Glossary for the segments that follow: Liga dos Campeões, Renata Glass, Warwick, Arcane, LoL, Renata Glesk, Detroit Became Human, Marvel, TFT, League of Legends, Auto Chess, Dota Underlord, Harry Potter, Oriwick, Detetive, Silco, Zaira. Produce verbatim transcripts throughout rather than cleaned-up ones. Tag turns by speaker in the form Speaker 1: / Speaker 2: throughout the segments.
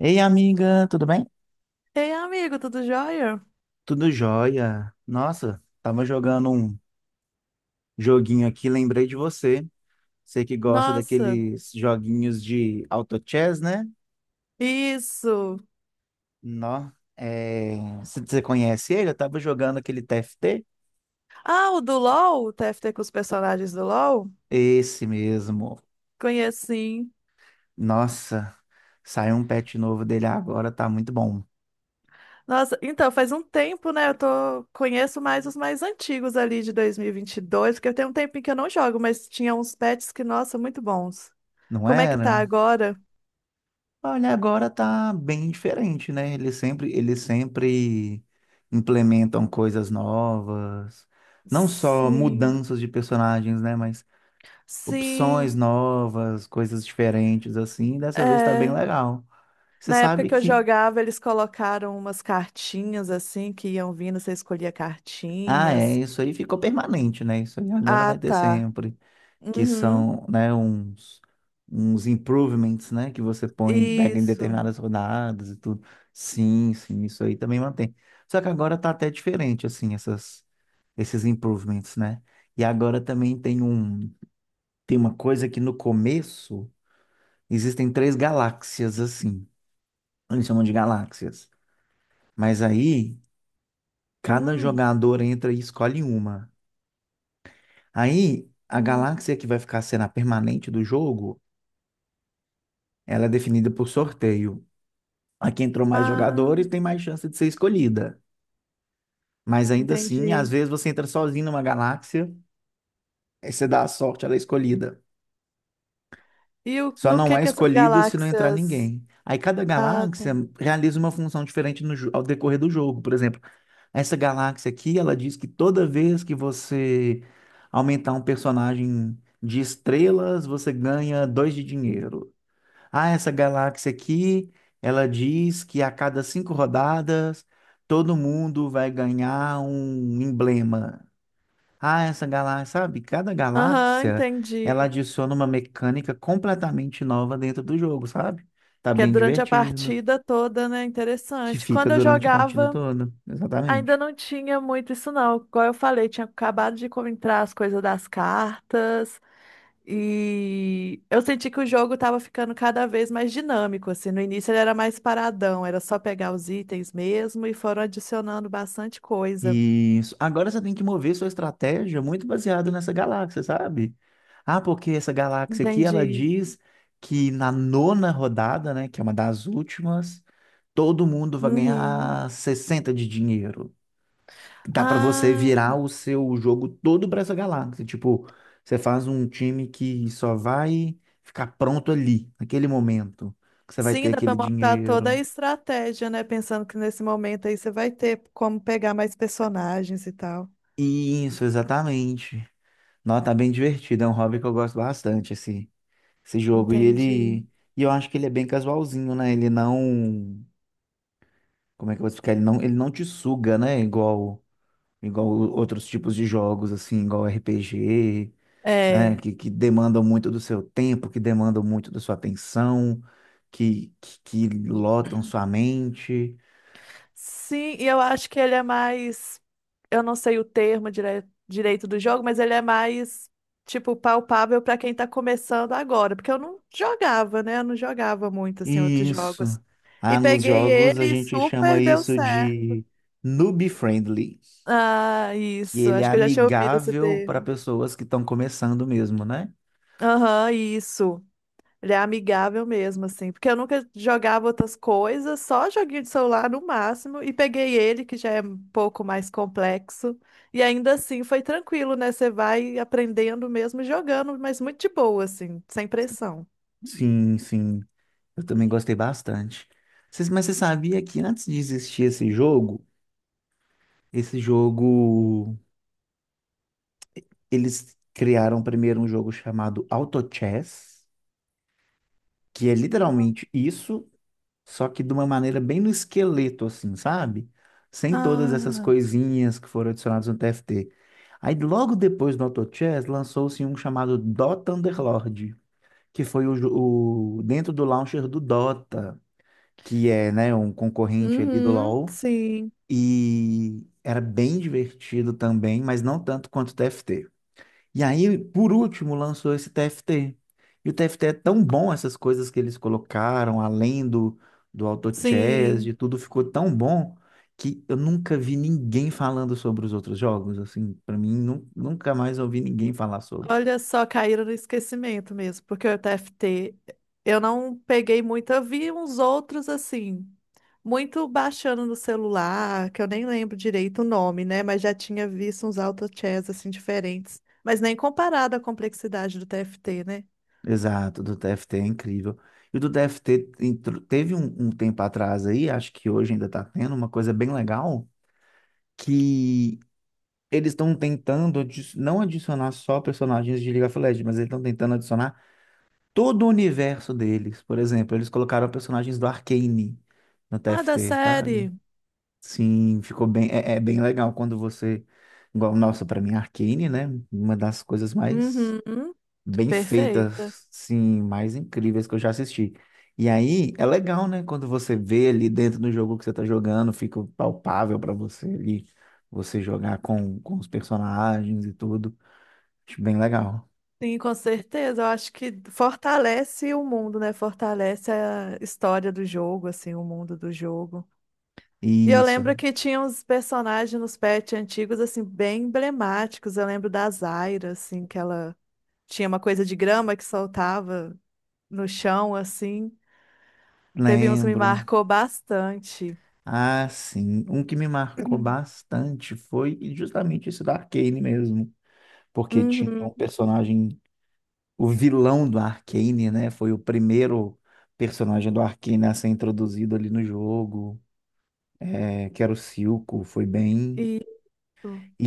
Speaker 1: Ei, amiga, tudo bem?
Speaker 2: Ei, amigo, tudo jóia?
Speaker 1: Tudo jóia. Nossa, tava jogando um joguinho aqui, lembrei de você. Você que gosta
Speaker 2: Nossa,
Speaker 1: daqueles joguinhos de auto chess, né?
Speaker 2: isso.
Speaker 1: Nó, é... Você você conhece ele? Eu tava jogando aquele T F T.
Speaker 2: Ah, o do LoL, o T F T com os personagens do LoL?
Speaker 1: Esse mesmo.
Speaker 2: Conheço sim.
Speaker 1: Nossa, saiu um patch novo dele agora, tá muito bom.
Speaker 2: Nossa, então, faz um tempo, né? Eu tô... conheço mais os mais antigos ali de dois mil e e vinte e dois porque eu tenho um tempinho que eu não jogo, mas tinha uns pets que, nossa, muito bons.
Speaker 1: Não
Speaker 2: Como é que tá
Speaker 1: era?
Speaker 2: agora?
Speaker 1: Olha, agora tá bem diferente, né? Eles sempre, eles sempre implementam coisas novas, não só
Speaker 2: Sim.
Speaker 1: mudanças de personagens, né? Mas opções
Speaker 2: Sim,
Speaker 1: novas, coisas diferentes, assim. Dessa vez tá bem
Speaker 2: é.
Speaker 1: legal. Você
Speaker 2: Na época
Speaker 1: sabe
Speaker 2: que eu
Speaker 1: que,
Speaker 2: jogava, eles colocaram umas cartinhas assim que iam vindo, você escolhia
Speaker 1: ah, é,
Speaker 2: cartinhas.
Speaker 1: isso aí ficou permanente, né? Isso aí agora
Speaker 2: Ah,
Speaker 1: vai ter
Speaker 2: tá.
Speaker 1: sempre. Que
Speaker 2: Uhum.
Speaker 1: são, né, uns, uns improvements, né, que você põe, pega em
Speaker 2: Isso.
Speaker 1: determinadas rodadas e tudo. Sim, sim, isso aí também mantém. Só que agora tá até diferente, assim, essas, esses improvements, né? E agora também tem um, tem uma coisa que no começo existem três galáxias, assim. Eles chamam de galáxias. Mas aí, cada
Speaker 2: Hum.
Speaker 1: jogador entra e escolhe uma. Aí, a galáxia que vai ficar sendo a permanente do jogo, ela é definida por sorteio. A que entrou mais
Speaker 2: Ah,
Speaker 1: jogadores tem mais chance de ser escolhida. Mas ainda assim, às
Speaker 2: entendi.
Speaker 1: vezes você entra sozinho numa galáxia, aí você dá a sorte, ela é escolhida.
Speaker 2: E o-
Speaker 1: Só
Speaker 2: no
Speaker 1: não
Speaker 2: que
Speaker 1: é
Speaker 2: que essas
Speaker 1: escolhido se não entrar
Speaker 2: galáxias?
Speaker 1: ninguém. Aí cada
Speaker 2: Ah, tá.
Speaker 1: galáxia realiza uma função diferente no, jo- ao decorrer do jogo. Por exemplo, essa galáxia aqui, ela diz que toda vez que você aumentar um personagem de estrelas, você ganha dois de dinheiro. Ah, essa galáxia aqui, ela diz que a cada cinco rodadas todo mundo vai ganhar um emblema. Ah, essa galáxia, sabe? Cada
Speaker 2: Aham,
Speaker 1: galáxia, ela
Speaker 2: entendi.
Speaker 1: adiciona uma mecânica completamente nova dentro do jogo, sabe? Tá
Speaker 2: Que é
Speaker 1: bem
Speaker 2: durante a
Speaker 1: divertido,
Speaker 2: partida toda, né?
Speaker 1: que
Speaker 2: Interessante.
Speaker 1: fica
Speaker 2: Quando eu
Speaker 1: durante a partida
Speaker 2: jogava,
Speaker 1: toda. Exatamente.
Speaker 2: ainda não tinha muito isso, não. Igual eu falei, tinha acabado de co- entrar as coisas das cartas. E eu senti que o jogo tava ficando cada vez mais dinâmico, assim. No início ele era mais paradão, era só pegar os itens mesmo e foram adicionando bastante coisa.
Speaker 1: Isso. Agora você tem que mover sua estratégia muito baseado nessa galáxia, sabe? Ah, porque essa galáxia aqui, ela
Speaker 2: Entendi.
Speaker 1: diz que na nona rodada, né, que é uma das últimas, todo mundo vai
Speaker 2: Uhum.
Speaker 1: ganhar sessenta de dinheiro. Dá para você
Speaker 2: Ah,
Speaker 1: virar o seu jogo todo para essa galáxia. Tipo, você faz um time que só vai ficar pronto ali, naquele momento, que você vai
Speaker 2: sim,
Speaker 1: ter
Speaker 2: dá pra
Speaker 1: aquele
Speaker 2: montar toda a
Speaker 1: dinheiro.
Speaker 2: estratégia, né? Pensando que nesse momento aí você vai ter como pegar mais personagens e tal.
Speaker 1: Isso, exatamente. Nossa, tá bem divertido. É um hobby que eu gosto bastante, assim. Esse jogo. E
Speaker 2: Entendi.
Speaker 1: ele. E eu acho que ele é bem casualzinho, né? Ele não. Como é que eu vou explicar? Ele não, ele não te suga, né? Igual, igual outros tipos de jogos, assim, igual R P G, né?
Speaker 2: É.
Speaker 1: Que, que demandam muito do seu tempo, que demandam muito da sua atenção, que, que, que lotam sua mente.
Speaker 2: Sim, e eu acho que ele é mais. Eu não sei o termo dire- direito do jogo, mas ele é mais, tipo, palpável pra quem tá começando agora. Porque eu não jogava, né? Eu não jogava muito, assim, outros
Speaker 1: Isso.
Speaker 2: jogos. E
Speaker 1: Ah, nos
Speaker 2: peguei
Speaker 1: jogos
Speaker 2: ele
Speaker 1: a
Speaker 2: e
Speaker 1: gente chama
Speaker 2: super deu
Speaker 1: isso
Speaker 2: certo.
Speaker 1: de noob friendly,
Speaker 2: Ah,
Speaker 1: que
Speaker 2: isso.
Speaker 1: ele é
Speaker 2: Acho que eu já tinha ouvido esse
Speaker 1: amigável para
Speaker 2: termo.
Speaker 1: pessoas que estão começando mesmo, né?
Speaker 2: Aham, isso. Ele é amigável mesmo, assim. Porque eu nunca jogava outras coisas, só joguinho de celular no máximo. E peguei ele, que já é um pouco mais complexo. E ainda assim foi tranquilo, né? Você vai aprendendo mesmo jogando, mas muito de boa, assim, sem pressão.
Speaker 1: Sim, sim. Eu também gostei bastante. Cês- Mas você sabia que antes de existir esse jogo, esse jogo, eles criaram primeiro um jogo chamado Auto Chess, que é literalmente isso, só que de uma maneira bem no esqueleto, assim, sabe? Sem todas essas
Speaker 2: Ah,
Speaker 1: coisinhas que foram adicionadas no T F T. Aí logo depois do Auto Chess, lançou-se um chamado Dota Underlord, que foi o, jo- o dentro do launcher do Dota. Que é, né, um concorrente ali do
Speaker 2: uhum,
Speaker 1: LoL,
Speaker 2: sim,
Speaker 1: e era bem divertido também, mas não tanto quanto o T F T. E aí, por último, lançou esse T F T. E o T F T é tão bom, essas coisas que eles colocaram, além do, do auto chess,
Speaker 2: sim.
Speaker 1: de tudo, ficou tão bom que eu nunca vi ninguém falando sobre os outros jogos, assim, para mim, nu- nunca mais ouvi ninguém falar sobre.
Speaker 2: Olha só, caíram no esquecimento mesmo, porque o T F T eu não peguei muito, eu vi uns outros assim, muito baixando no celular, que eu nem lembro direito o nome, né? Mas já tinha visto uns auto chess assim diferentes, mas nem comparado à complexidade do T F T, né?
Speaker 1: Exato, do T F T é incrível. E o do T F T entr- teve um, um tempo atrás aí, acho que hoje ainda está tendo uma coisa bem legal, que eles estão tentando adi- não adicionar só personagens de League of Legends, mas eles estão tentando adicionar todo o universo deles. Por exemplo, eles colocaram personagens do Arcane no
Speaker 2: Ah, da
Speaker 1: T F T, sabe?
Speaker 2: série.
Speaker 1: Sim, ficou bem, é, é bem legal quando você, igual, nossa, para mim Arcane, né? Uma das coisas mais
Speaker 2: Uhum,
Speaker 1: bem
Speaker 2: perfeita.
Speaker 1: feitas, sim, mais incríveis que eu já assisti. E aí é legal, né? Quando você vê ali dentro do jogo que você tá jogando, fica palpável para você ali, você jogar com, com os personagens e tudo. Acho bem legal.
Speaker 2: Sim, com certeza. Eu acho que fortalece o mundo, né? Fortalece a história do jogo, assim, o mundo do jogo. E eu
Speaker 1: Isso,
Speaker 2: lembro que tinha uns personagens nos pets antigos, assim, bem emblemáticos. Eu lembro da Zaira, assim, que ela tinha uma coisa de grama que soltava no chão, assim. Teve uns que me
Speaker 1: lembro.
Speaker 2: marcou bastante.
Speaker 1: Ah, sim. Um que me marcou bastante foi justamente esse da Arcane mesmo. Porque tinha um
Speaker 2: Uhum,
Speaker 1: personagem, o vilão do Arcane, né? Foi o primeiro personagem do Arcane a ser introduzido ali no jogo. É, que era o Silco, foi bem.
Speaker 2: isso.
Speaker 1: E,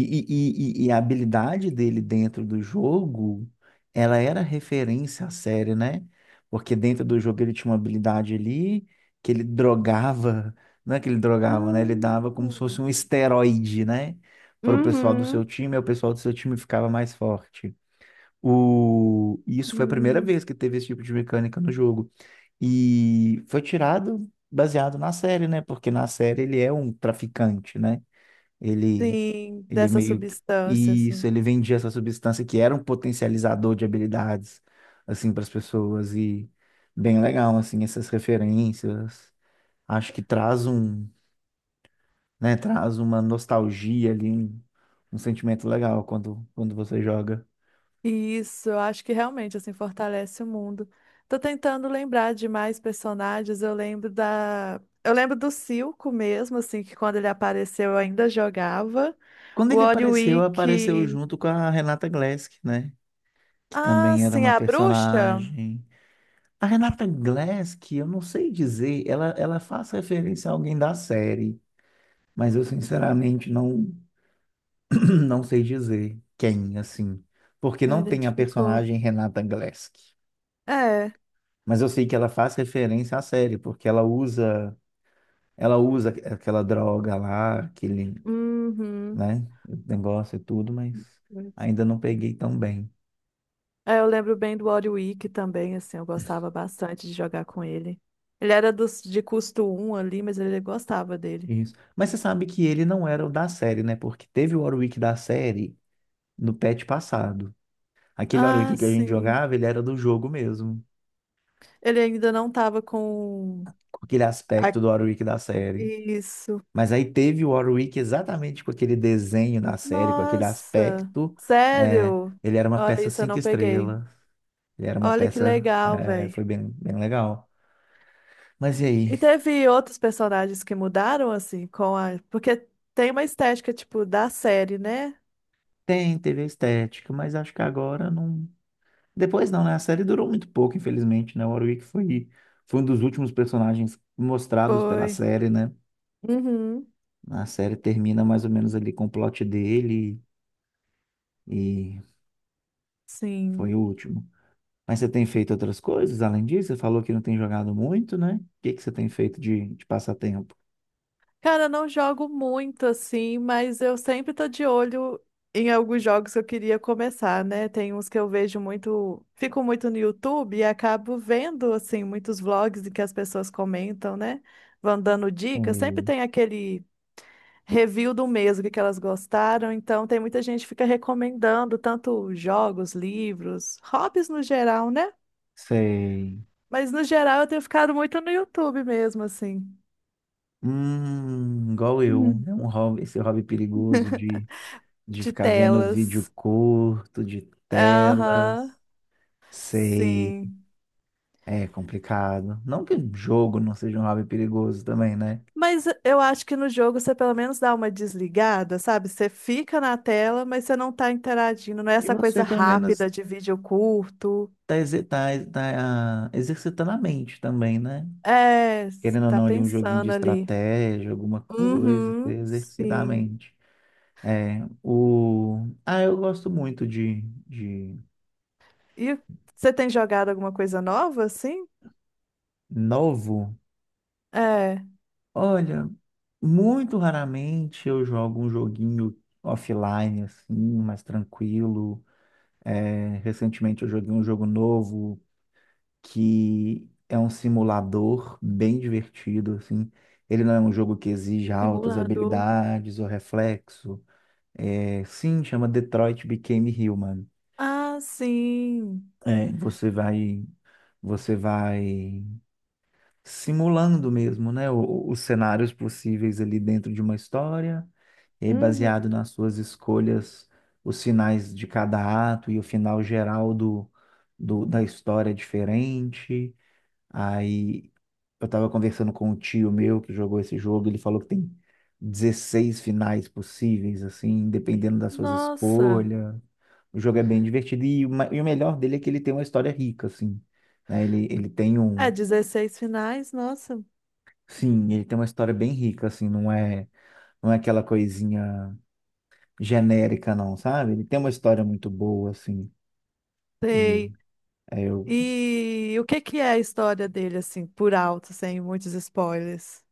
Speaker 1: e, e, e a habilidade dele dentro do jogo, ela era referência à série, né? Porque dentro do jogo ele tinha uma habilidade ali que ele drogava, não é que ele drogava, né? Ele dava como se fosse
Speaker 2: Hum.
Speaker 1: um esteroide, né? Para o pessoal do seu
Speaker 2: Uhum.
Speaker 1: time, e o pessoal do seu time ficava mais forte. O... e Isso foi a primeira
Speaker 2: Hum.
Speaker 1: vez que teve esse tipo de mecânica no jogo. E foi tirado baseado na série, né? Porque na série ele é um traficante, né? Ele,
Speaker 2: Sim,
Speaker 1: ele
Speaker 2: dessa
Speaker 1: meio que.
Speaker 2: substância,
Speaker 1: Isso,
Speaker 2: assim.
Speaker 1: ele vendia essa substância que era um potencializador de habilidades, assim, para as pessoas. E bem legal, assim, essas referências. Acho que traz um, né? Traz uma nostalgia ali, um, um sentimento legal quando, quando você joga.
Speaker 2: Isso, eu acho que realmente, assim, fortalece o mundo. Tô tentando lembrar de mais personagens, eu lembro da... Eu lembro do Silco mesmo, assim, que quando ele apareceu eu ainda jogava.
Speaker 1: Quando
Speaker 2: O
Speaker 1: ele apareceu, apareceu
Speaker 2: Oriwick...
Speaker 1: junto com a Renata Glesk, né? Que
Speaker 2: Ah,
Speaker 1: também era
Speaker 2: sim,
Speaker 1: uma
Speaker 2: a bruxa?
Speaker 1: personagem. A Renata Glass, que eu não sei dizer, ela, ela faz referência a alguém da série, mas eu sinceramente não, não sei dizer quem, assim, porque
Speaker 2: Não
Speaker 1: não tem a
Speaker 2: identificou.
Speaker 1: personagem Renata Glass.
Speaker 2: É.
Speaker 1: Mas eu sei que ela faz referência à série, porque ela usa, ela usa aquela droga lá, aquele,
Speaker 2: Uhum.
Speaker 1: né, negócio e tudo, mas ainda não peguei tão bem.
Speaker 2: É, eu lembro bem do Warwick também, assim, eu gostava bastante de jogar com ele. Ele era dos, de custo um ali, mas ele gostava dele.
Speaker 1: Isso. Mas você sabe que ele não era o da série, né? Porque teve o Warwick da série no patch passado. Aquele Warwick
Speaker 2: Ah,
Speaker 1: que a gente
Speaker 2: sim.
Speaker 1: jogava, ele era do jogo mesmo,
Speaker 2: Ele ainda não tava com
Speaker 1: com aquele aspecto
Speaker 2: a-
Speaker 1: do Warwick da série.
Speaker 2: isso.
Speaker 1: Mas aí teve o Warwick exatamente com aquele desenho da série, com aquele
Speaker 2: Nossa,
Speaker 1: aspecto. É,
Speaker 2: sério?
Speaker 1: ele era uma
Speaker 2: Olha
Speaker 1: peça
Speaker 2: isso, eu
Speaker 1: cinco
Speaker 2: não peguei.
Speaker 1: estrelas. Ele era uma
Speaker 2: Olha que
Speaker 1: peça.
Speaker 2: legal,
Speaker 1: É,
Speaker 2: velho.
Speaker 1: foi bem, bem legal. Mas e
Speaker 2: E
Speaker 1: aí?
Speaker 2: teve outros personagens que mudaram assim com a, porque tem uma estética tipo da série, né?
Speaker 1: Tem, teve a estética, mas acho que agora não. Depois não, né? A série durou muito pouco, infelizmente, né? O Warwick foi, foi um dos últimos personagens mostrados pela
Speaker 2: Foi.
Speaker 1: série, né?
Speaker 2: Uhum.
Speaker 1: A série termina mais ou menos ali com o plot dele. E foi o
Speaker 2: Sim.
Speaker 1: último. Mas você tem feito outras coisas além disso? Você falou que não tem jogado muito, né? O que que você tem feito de, de passatempo?
Speaker 2: Cara, não jogo muito assim, mas eu sempre tô de olho em alguns jogos que eu queria começar, né? Tem uns que eu vejo muito, fico muito no YouTube e acabo vendo assim muitos vlogs em que as pessoas comentam, né? Vão dando dicas. Sempre
Speaker 1: Sei.
Speaker 2: tem aquele review do mês, o que que elas gostaram. Então tem muita gente que fica recomendando tanto jogos, livros, hobbies no geral, né?
Speaker 1: Sei.
Speaker 2: Mas no geral eu tenho ficado muito no YouTube mesmo, assim,
Speaker 1: Hum, igual eu. É um hobby, esse hobby perigoso de, de
Speaker 2: de
Speaker 1: ficar vendo vídeo
Speaker 2: telas.
Speaker 1: curto, de
Speaker 2: Aham.
Speaker 1: telas. Sei.
Speaker 2: Sim.
Speaker 1: É complicado. Não que jogo não seja um hobby perigoso também, né?
Speaker 2: Mas eu acho que no jogo você pelo menos dá uma desligada, sabe? Você fica na tela, mas você não tá interagindo. Não é
Speaker 1: E
Speaker 2: essa coisa
Speaker 1: você, pelo menos,
Speaker 2: rápida de vídeo curto.
Speaker 1: tá, exer- tá, tá ah, exercitando a mente também, né?
Speaker 2: É, você
Speaker 1: Querendo ou
Speaker 2: tá
Speaker 1: não, ali um joguinho de
Speaker 2: pensando ali.
Speaker 1: estratégia, alguma coisa, pra
Speaker 2: Uhum,
Speaker 1: exercitar a
Speaker 2: sim.
Speaker 1: mente. É, o... Ah, eu gosto muito de, de
Speaker 2: E você tem jogado alguma coisa nova, assim?
Speaker 1: novo.
Speaker 2: É,
Speaker 1: Olha, muito raramente eu jogo um joguinho offline, assim, mais tranquilo. É, recentemente eu joguei um jogo novo que é um simulador bem divertido, assim. Ele não é um jogo que exige altas
Speaker 2: simulador.
Speaker 1: habilidades ou reflexo. É, sim, chama Detroit Became Human.
Speaker 2: Ah, sim.
Speaker 1: É, você vai, você vai simulando mesmo, né, o- os cenários possíveis ali dentro de uma história, e aí,
Speaker 2: Uhum.
Speaker 1: baseado nas suas escolhas, os finais de cada ato e o final geral do, do- da história é diferente. Aí eu tava conversando com um tio meu que jogou esse jogo, ele falou que tem dezesseis finais possíveis, assim, dependendo das suas
Speaker 2: Nossa.
Speaker 1: escolhas. O jogo é bem divertido e, o ma- e o melhor dele é que ele tem uma história rica, assim, né? Ele, ele tem
Speaker 2: É,
Speaker 1: um,
Speaker 2: dezesseis finais, nossa.
Speaker 1: sim, ele tem uma história bem rica, assim, não é, não é aquela coisinha genérica, não, sabe? Ele tem uma história muito boa, assim, e
Speaker 2: Sei.
Speaker 1: é, eu.
Speaker 2: E o que que é a história dele, assim, por alto, sem muitos spoilers?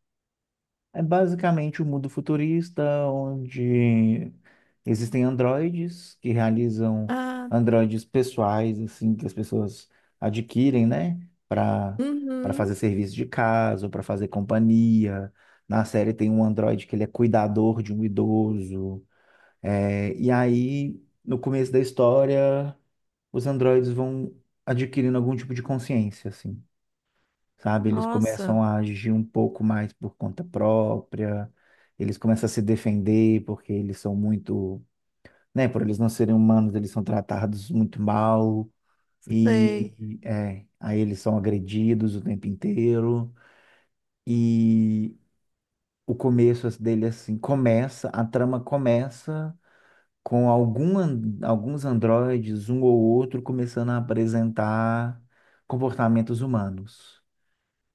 Speaker 1: É basicamente um mundo futurista onde existem androides que realizam
Speaker 2: Ah,
Speaker 1: androides pessoais, assim, que as pessoas adquirem, né, para para fazer
Speaker 2: uhum.
Speaker 1: serviço de casa, para fazer companhia. Na série tem um androide que ele é cuidador de um idoso. É, e aí, no começo da história, os androides vão adquirindo algum tipo de consciência, assim, sabe? Eles
Speaker 2: Nossa,
Speaker 1: começam a agir um pouco mais por conta própria, eles começam a se defender porque eles são muito, né? Por eles não serem humanos, eles são tratados muito mal
Speaker 2: sei.
Speaker 1: e é, aí eles são agredidos o tempo inteiro e o começo dele assim começa, a trama começa com algum, an- alguns androides, um ou outro, começando a apresentar comportamentos humanos.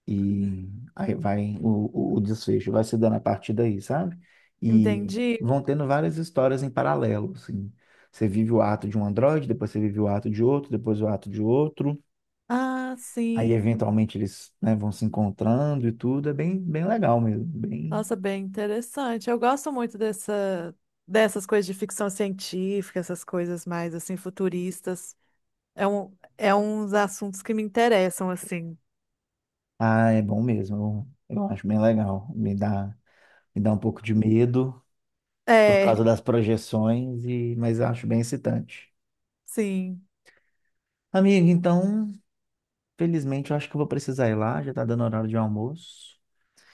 Speaker 1: E aí vai o, o o desfecho, vai se dando a partir daí, sabe? E
Speaker 2: Entendi.
Speaker 1: vão tendo várias histórias em paralelo, assim. Você vive o ato de um androide, depois você vive o ato de outro, depois o ato de outro.
Speaker 2: Ah,
Speaker 1: Aí,
Speaker 2: sim.
Speaker 1: eventualmente, eles, né, vão se encontrando e tudo. É bem, bem legal mesmo. Bem...
Speaker 2: Nossa, bem interessante. Eu gosto muito dessa, dessas coisas de ficção científica, essas coisas mais, assim, futuristas. É um, é uns assuntos que me interessam, assim.
Speaker 1: Ah, é bom mesmo. Eu, eu acho bem legal. Me dá, me dá um pouco de medo por
Speaker 2: É,
Speaker 1: causa das projeções, e... mas eu acho bem excitante.
Speaker 2: sim.
Speaker 1: Amigo, então felizmente, eu acho que eu vou precisar ir lá, já tá dando horário de almoço.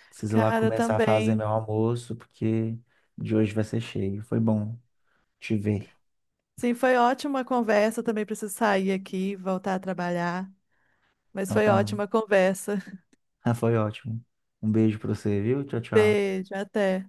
Speaker 1: Preciso ir lá
Speaker 2: Cara,
Speaker 1: começar a fazer
Speaker 2: também.
Speaker 1: meu almoço, porque de hoje vai ser cheio. Foi bom te ver.
Speaker 2: Sim, foi ótima a conversa. Eu também preciso sair aqui, voltar a trabalhar. Mas
Speaker 1: Então
Speaker 2: foi
Speaker 1: tá,
Speaker 2: ótima a conversa.
Speaker 1: foi ótimo. Um beijo pra você, viu? Tchau, tchau.
Speaker 2: Beijo, até.